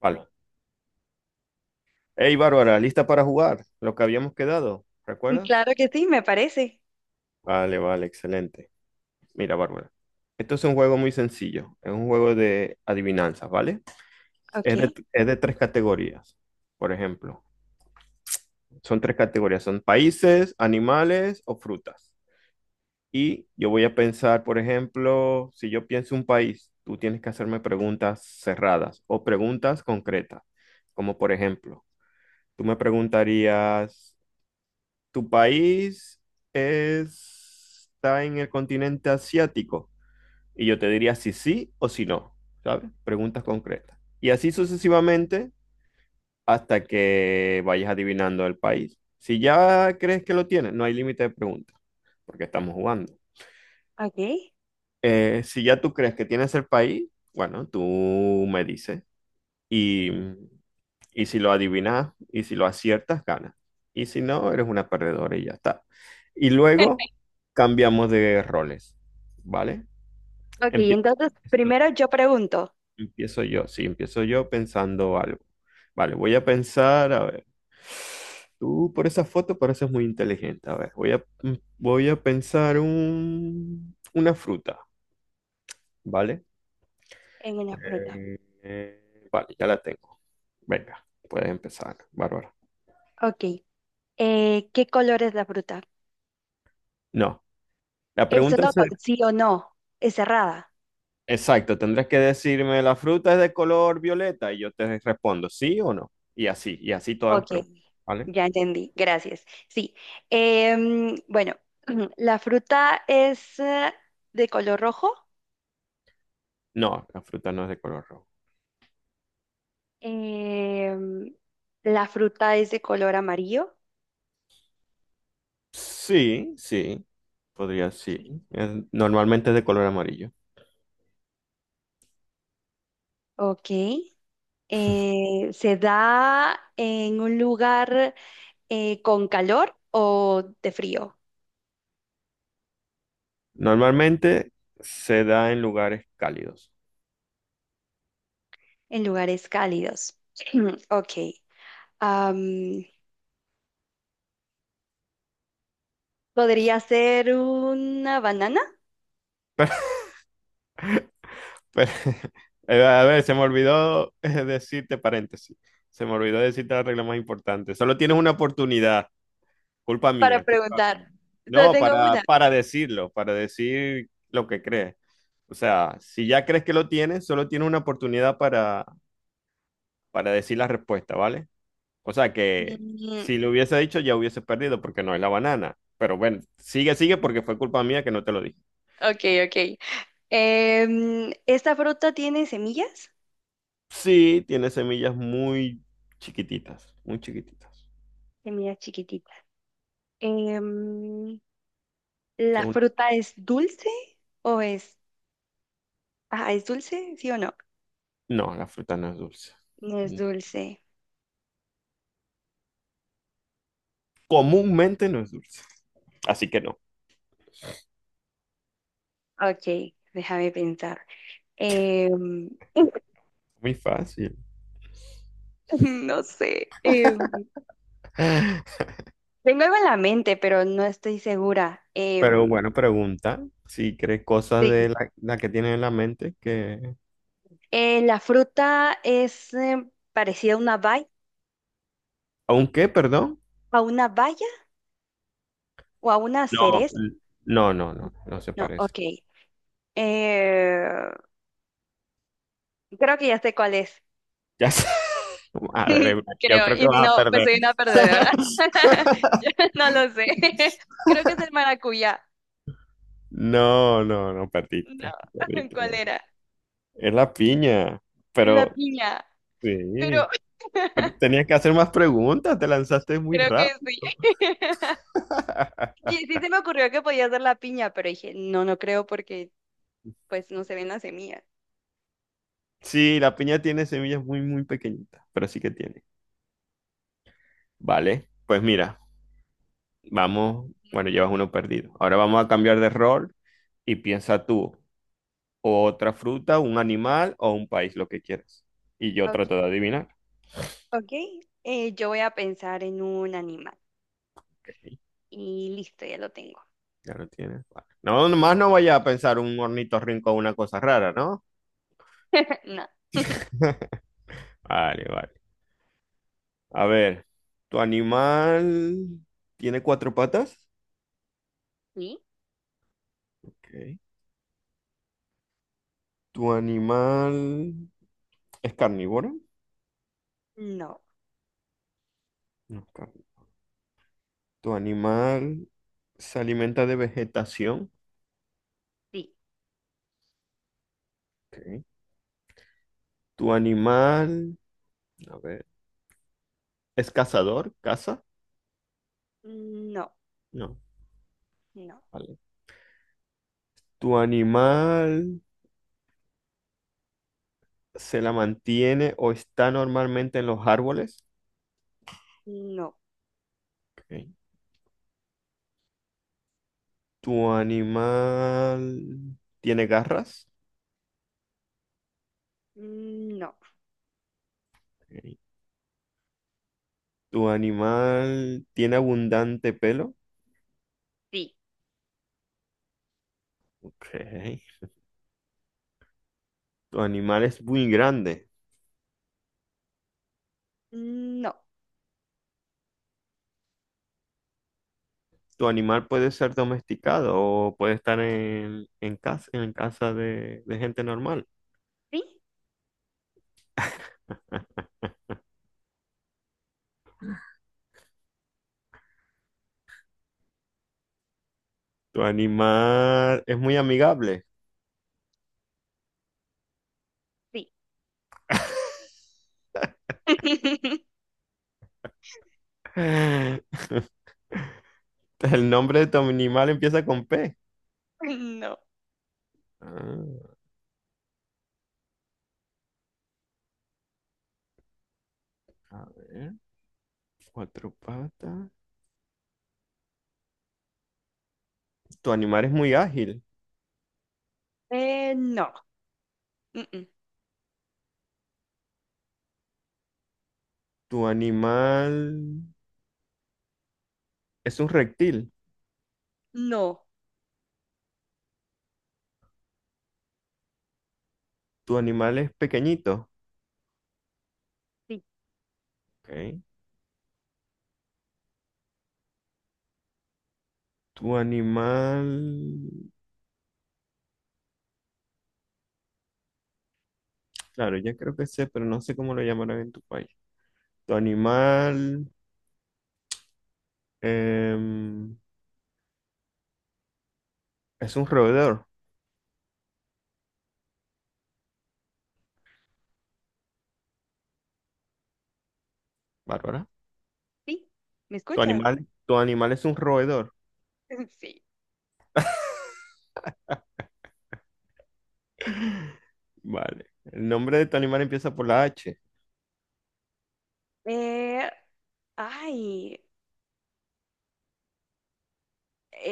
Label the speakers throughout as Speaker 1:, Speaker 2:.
Speaker 1: Vale. Hey, Bárbara, ¿lista para jugar? Lo que habíamos quedado, ¿recuerdas?
Speaker 2: Claro que sí, me parece.
Speaker 1: Vale, vale, excelente. Mira, Bárbara. Esto es un juego muy sencillo. Es un juego de adivinanzas, ¿vale?
Speaker 2: Ok,
Speaker 1: Es de tres categorías, por ejemplo. Son tres categorías. Son países, animales o frutas. Y yo voy a pensar, por ejemplo, si yo pienso un país, tú tienes que hacerme preguntas cerradas o preguntas concretas. Como por ejemplo, tú me preguntarías... Tu país está en el continente asiático. Y yo te diría si sí o si no, ¿sabes? Preguntas concretas. Y así sucesivamente hasta que vayas adivinando el país. Si ya crees que lo tienes, no hay límite de preguntas, porque estamos jugando.
Speaker 2: ok.
Speaker 1: Si ya tú crees que tienes el país, bueno, tú me dices. Y, y si lo adivinas y si lo aciertas, ganas. Y si no, eres una perdedora y ya está. Y luego cambiamos de roles, ¿vale?
Speaker 2: Ok,
Speaker 1: Empie-
Speaker 2: entonces primero yo pregunto
Speaker 1: Empiezo yo, sí, empiezo yo pensando algo. Vale, voy a pensar, a ver. Tú por esa foto pareces muy inteligente. A ver, voy a pensar una fruta, ¿vale?
Speaker 2: en una fruta.
Speaker 1: Eh, vale, ya la tengo. Venga, puedes empezar, Bárbara.
Speaker 2: Ok, ¿qué color es la fruta?
Speaker 1: No. La
Speaker 2: Eso
Speaker 1: pregunta
Speaker 2: no
Speaker 1: es,
Speaker 2: con sí o no, es cerrada.
Speaker 1: exacto, tendrás que decirme, ¿la fruta es de color violeta? Y yo te respondo, ¿sí o no? Y así todas las
Speaker 2: Ok,
Speaker 1: preguntas, ¿vale?
Speaker 2: ya entendí, gracias. Sí, bueno, la fruta es de color rojo,
Speaker 1: No, la fruta no es de color rojo.
Speaker 2: em, la fruta es de color amarillo.
Speaker 1: Sí, sí, podría, sí.
Speaker 2: Sí.
Speaker 1: Normalmente es de color amarillo.
Speaker 2: Ok, se da en un lugar con calor o de frío
Speaker 1: Normalmente se da en lugares cálidos.
Speaker 2: en lugares cálidos. Ok. am, ¿Podría ser una banana?
Speaker 1: Pero, pero- a ver, se me olvidó decirte paréntesis. Se me olvidó decirte la regla más importante. Solo tienes una oportunidad. Culpa
Speaker 2: Para
Speaker 1: mía, culpa
Speaker 2: preguntar.
Speaker 1: mía.
Speaker 2: Yo
Speaker 1: No,
Speaker 2: tengo una.
Speaker 1: para decirlo, para decir lo que crees. O sea, si ya crees que lo tienes, solo tienes una oportunidad para decir la respuesta, ¿vale? O sea que
Speaker 2: Mm,
Speaker 1: si lo hubiese dicho ya hubiese perdido porque no es la banana. Pero bueno, sigue, sigue porque fue culpa mía que no te lo dije.
Speaker 2: ok, ok. ¿Esta fruta tiene semillas?
Speaker 1: Sí, tiene semillas muy chiquititas, muy chiquititas.
Speaker 2: Semillas chiquititas. Em,
Speaker 1: Es
Speaker 2: ¿La
Speaker 1: una-
Speaker 2: fruta es dulce o es... Ah, ¿es dulce? ¿Sí o no?
Speaker 1: No, la fruta no es dulce.
Speaker 2: No es
Speaker 1: Mm.
Speaker 2: dulce.
Speaker 1: Comúnmente no es dulce. Así que no,
Speaker 2: Ok, déjame pensar. Em,
Speaker 1: muy fácil.
Speaker 2: No sé. Tengo algo en la mente, pero no estoy segura.
Speaker 1: Pero bueno, pregunta si crees cosas de
Speaker 2: Sí.
Speaker 1: la que tienes en la mente que...
Speaker 2: La fruta es parecida
Speaker 1: ¿Aunque perdón?
Speaker 2: a una valla o a una
Speaker 1: No,
Speaker 2: cereza.
Speaker 1: no, no, no, no se
Speaker 2: No,
Speaker 1: parece.
Speaker 2: ok. Eh, creo que ya sé cuál es.
Speaker 1: Ya sé. Madre mía, yo
Speaker 2: Creo,
Speaker 1: creo que
Speaker 2: y si
Speaker 1: vas a
Speaker 2: no, pues
Speaker 1: perder.
Speaker 2: soy una perdedora. Ya no lo sé. Creo que es el maracuyá.
Speaker 1: No, no, no,
Speaker 2: No,
Speaker 1: perdiste, perdiste.
Speaker 2: ¿cuál
Speaker 1: No.
Speaker 2: era?
Speaker 1: Es la piña,
Speaker 2: La
Speaker 1: pero
Speaker 2: piña. Pero
Speaker 1: sí, pero tenías que hacer más preguntas, te lanzaste muy
Speaker 2: creo que sí.
Speaker 1: rápido.
Speaker 2: Y sí se me ocurrió que podía ser la piña, pero dije, no, no creo porque pues no se ven las semillas.
Speaker 1: Sí, la piña tiene semillas muy, muy pequeñitas, pero sí que tiene. Vale, pues mira. Vamos,
Speaker 2: Ujú.
Speaker 1: bueno, llevas uno perdido. Ahora vamos a cambiar de rol y piensa tú, o otra fruta, un animal o un país, lo que quieras. Y yo
Speaker 2: Ok.
Speaker 1: trato de adivinar.
Speaker 2: Ok, yo voy a pensar en un animal.
Speaker 1: Ok,
Speaker 2: Y listo, ya lo tengo.
Speaker 1: ya lo tienes. Vale. No, nomás no vaya a pensar un ornitorrinco o una cosa rara, ¿no?
Speaker 2: No.
Speaker 1: Vale, vale. A ver, ¿tu animal tiene cuatro patas?
Speaker 2: ¿Sí?
Speaker 1: Ok. ¿Tu animal es carnívoro?
Speaker 2: No.
Speaker 1: No, ¿tu animal se alimenta de vegetación?
Speaker 2: Sí.
Speaker 1: Ok. ¿Tu animal... a ver, ¿es cazador? ¿Caza?
Speaker 2: No.
Speaker 1: No.
Speaker 2: No.
Speaker 1: Vale. ¿Tu animal se la mantiene o está normalmente en los árboles?
Speaker 2: No.
Speaker 1: Ok. ¿Tu animal tiene garras?
Speaker 2: No.
Speaker 1: Ok. ¿Tu animal tiene abundante pelo?
Speaker 2: Sí.
Speaker 1: Ok. ¿Tu animal es muy grande?
Speaker 2: No.
Speaker 1: ¿Tu animal puede ser domesticado o puede estar en casa de gente normal?
Speaker 2: Sí.
Speaker 1: ¿Tu animal es muy amigable?
Speaker 2: Sí.
Speaker 1: El nombre de tu animal empieza con P.
Speaker 2: No.
Speaker 1: Ah, a ver, cuatro patas. Tu animal es muy ágil.
Speaker 2: No. Mm-mm.
Speaker 1: Tu animal es un reptil.
Speaker 2: No.
Speaker 1: Tu animal es pequeñito.
Speaker 2: Sí.
Speaker 1: Ok. Tu animal... Claro, ya creo que sé, pero no sé cómo lo llamarán en tu país. Tu animal em, es un roedor, Bárbara.
Speaker 2: Sí. ¿Me
Speaker 1: Tu
Speaker 2: escuchas?
Speaker 1: animal, tu animal es un roedor.
Speaker 2: Sí.
Speaker 1: Vale. El nombre de tu animal empieza por la H.
Speaker 2: Eh, ay.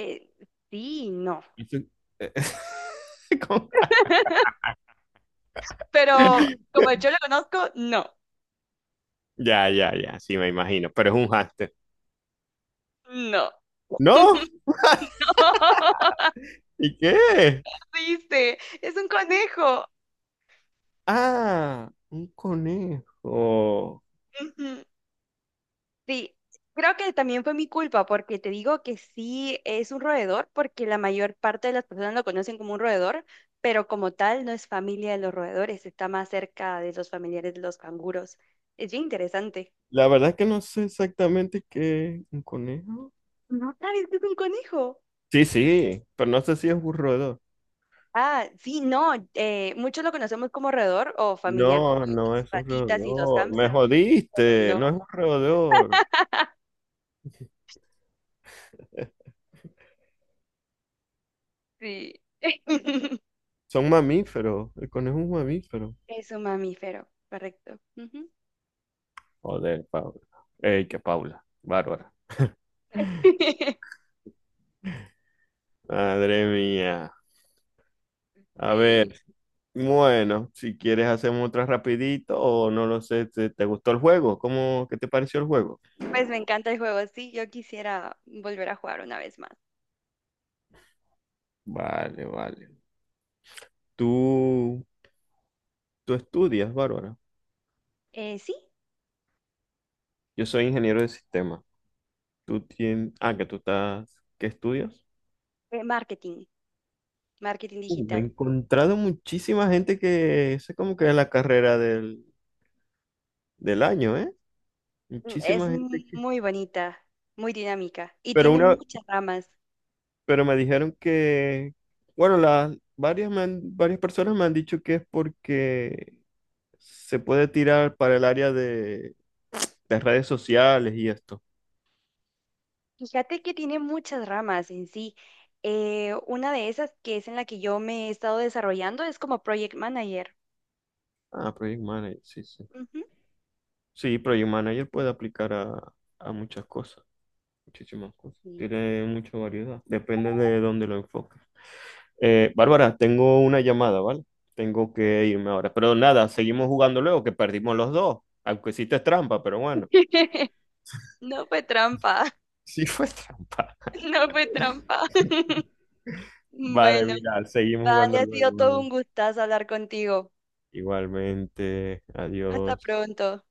Speaker 2: Eh, sí, no.
Speaker 1: Eso- ¿Cómo?
Speaker 2: Pero como yo lo conozco, no,
Speaker 1: Ya, ya, ya, sí, me imagino, pero es un hámster.
Speaker 2: no.
Speaker 1: ¿No?
Speaker 2: No,
Speaker 1: ¿Y qué?
Speaker 2: viste, es un conejo.
Speaker 1: Ah, un conejo.
Speaker 2: Ujú. Sí, creo que también fue mi culpa porque te digo que sí es un roedor porque la mayor parte de las personas lo conocen como un roedor, pero como tal no es familia de los roedores, está más cerca de los familiares de los canguros. Es bien interesante.
Speaker 1: La verdad es que no sé exactamente qué un conejo.
Speaker 2: ¿No sabes que es un conejo?
Speaker 1: Sí, sí, pero no sé si es un roedor.
Speaker 2: Ah, sí, no, muchos lo conocemos como roedor o familiar como
Speaker 1: No,
Speaker 2: de
Speaker 1: no
Speaker 2: las
Speaker 1: es un
Speaker 2: ratitas y los
Speaker 1: roedor. Me
Speaker 2: hámster, pero
Speaker 1: jodiste, no
Speaker 2: no,
Speaker 1: es un roedor.
Speaker 2: sí.
Speaker 1: Son mamíferos. El conejo es un mamífero.
Speaker 2: Es un mamífero, correcto. Ujú.
Speaker 1: Joder, Paula. Ey, que Paula. Bárbara. Madre mía. A
Speaker 2: Sí,
Speaker 1: ver. Bueno, si quieres hacemos otra rapidito o no lo sé, te gustó el juego? ¿Cómo, qué te pareció el juego?
Speaker 2: pues me encanta el juego, sí, yo quisiera volver a jugar una vez más.
Speaker 1: Vale, vale. Tú, tú estudias, Bárbara.
Speaker 2: Sí,
Speaker 1: Yo soy ingeniero de sistema. Tú tienes, ah, que tú estás, ¿qué estudias?
Speaker 2: marketing, marketing
Speaker 1: Me he
Speaker 2: digital.
Speaker 1: encontrado muchísima gente que, esa es como que es la carrera del año, ¿eh?
Speaker 2: Mm, es
Speaker 1: Muchísima gente que,
Speaker 2: muy bonita, muy dinámica y
Speaker 1: pero
Speaker 2: tiene
Speaker 1: una,
Speaker 2: muchas ramas.
Speaker 1: pero me dijeron que, bueno, las varias, varias personas me han dicho que es porque se puede tirar para el área de redes sociales y esto.
Speaker 2: Fíjate que tiene muchas ramas en sí. Una de esas que es en la que yo me he estado desarrollando es como project manager.
Speaker 1: Ah, Project Manager, sí, sí.
Speaker 2: Ujú,
Speaker 1: Sí,
Speaker 2: sí,
Speaker 1: Project Manager puede aplicar a muchas cosas, muchísimas cosas.
Speaker 2: sí.
Speaker 1: Tiene mucha variedad, depende de dónde lo enfoques. Bárbara, tengo una llamada, ¿vale? Tengo que irme ahora. Pero nada, seguimos jugando luego, que perdimos los dos. Aunque hiciste trampa, pero bueno.
Speaker 2: No fue trampa,
Speaker 1: Sí fue trampa.
Speaker 2: no fue trampa.
Speaker 1: Vale,
Speaker 2: Bueno,
Speaker 1: mira, seguimos
Speaker 2: vale,
Speaker 1: jugando
Speaker 2: ha sido
Speaker 1: luego.
Speaker 2: todo
Speaker 1: ¿Vale?
Speaker 2: un gustazo hablar contigo.
Speaker 1: Igualmente,
Speaker 2: Hasta
Speaker 1: adiós.
Speaker 2: pronto.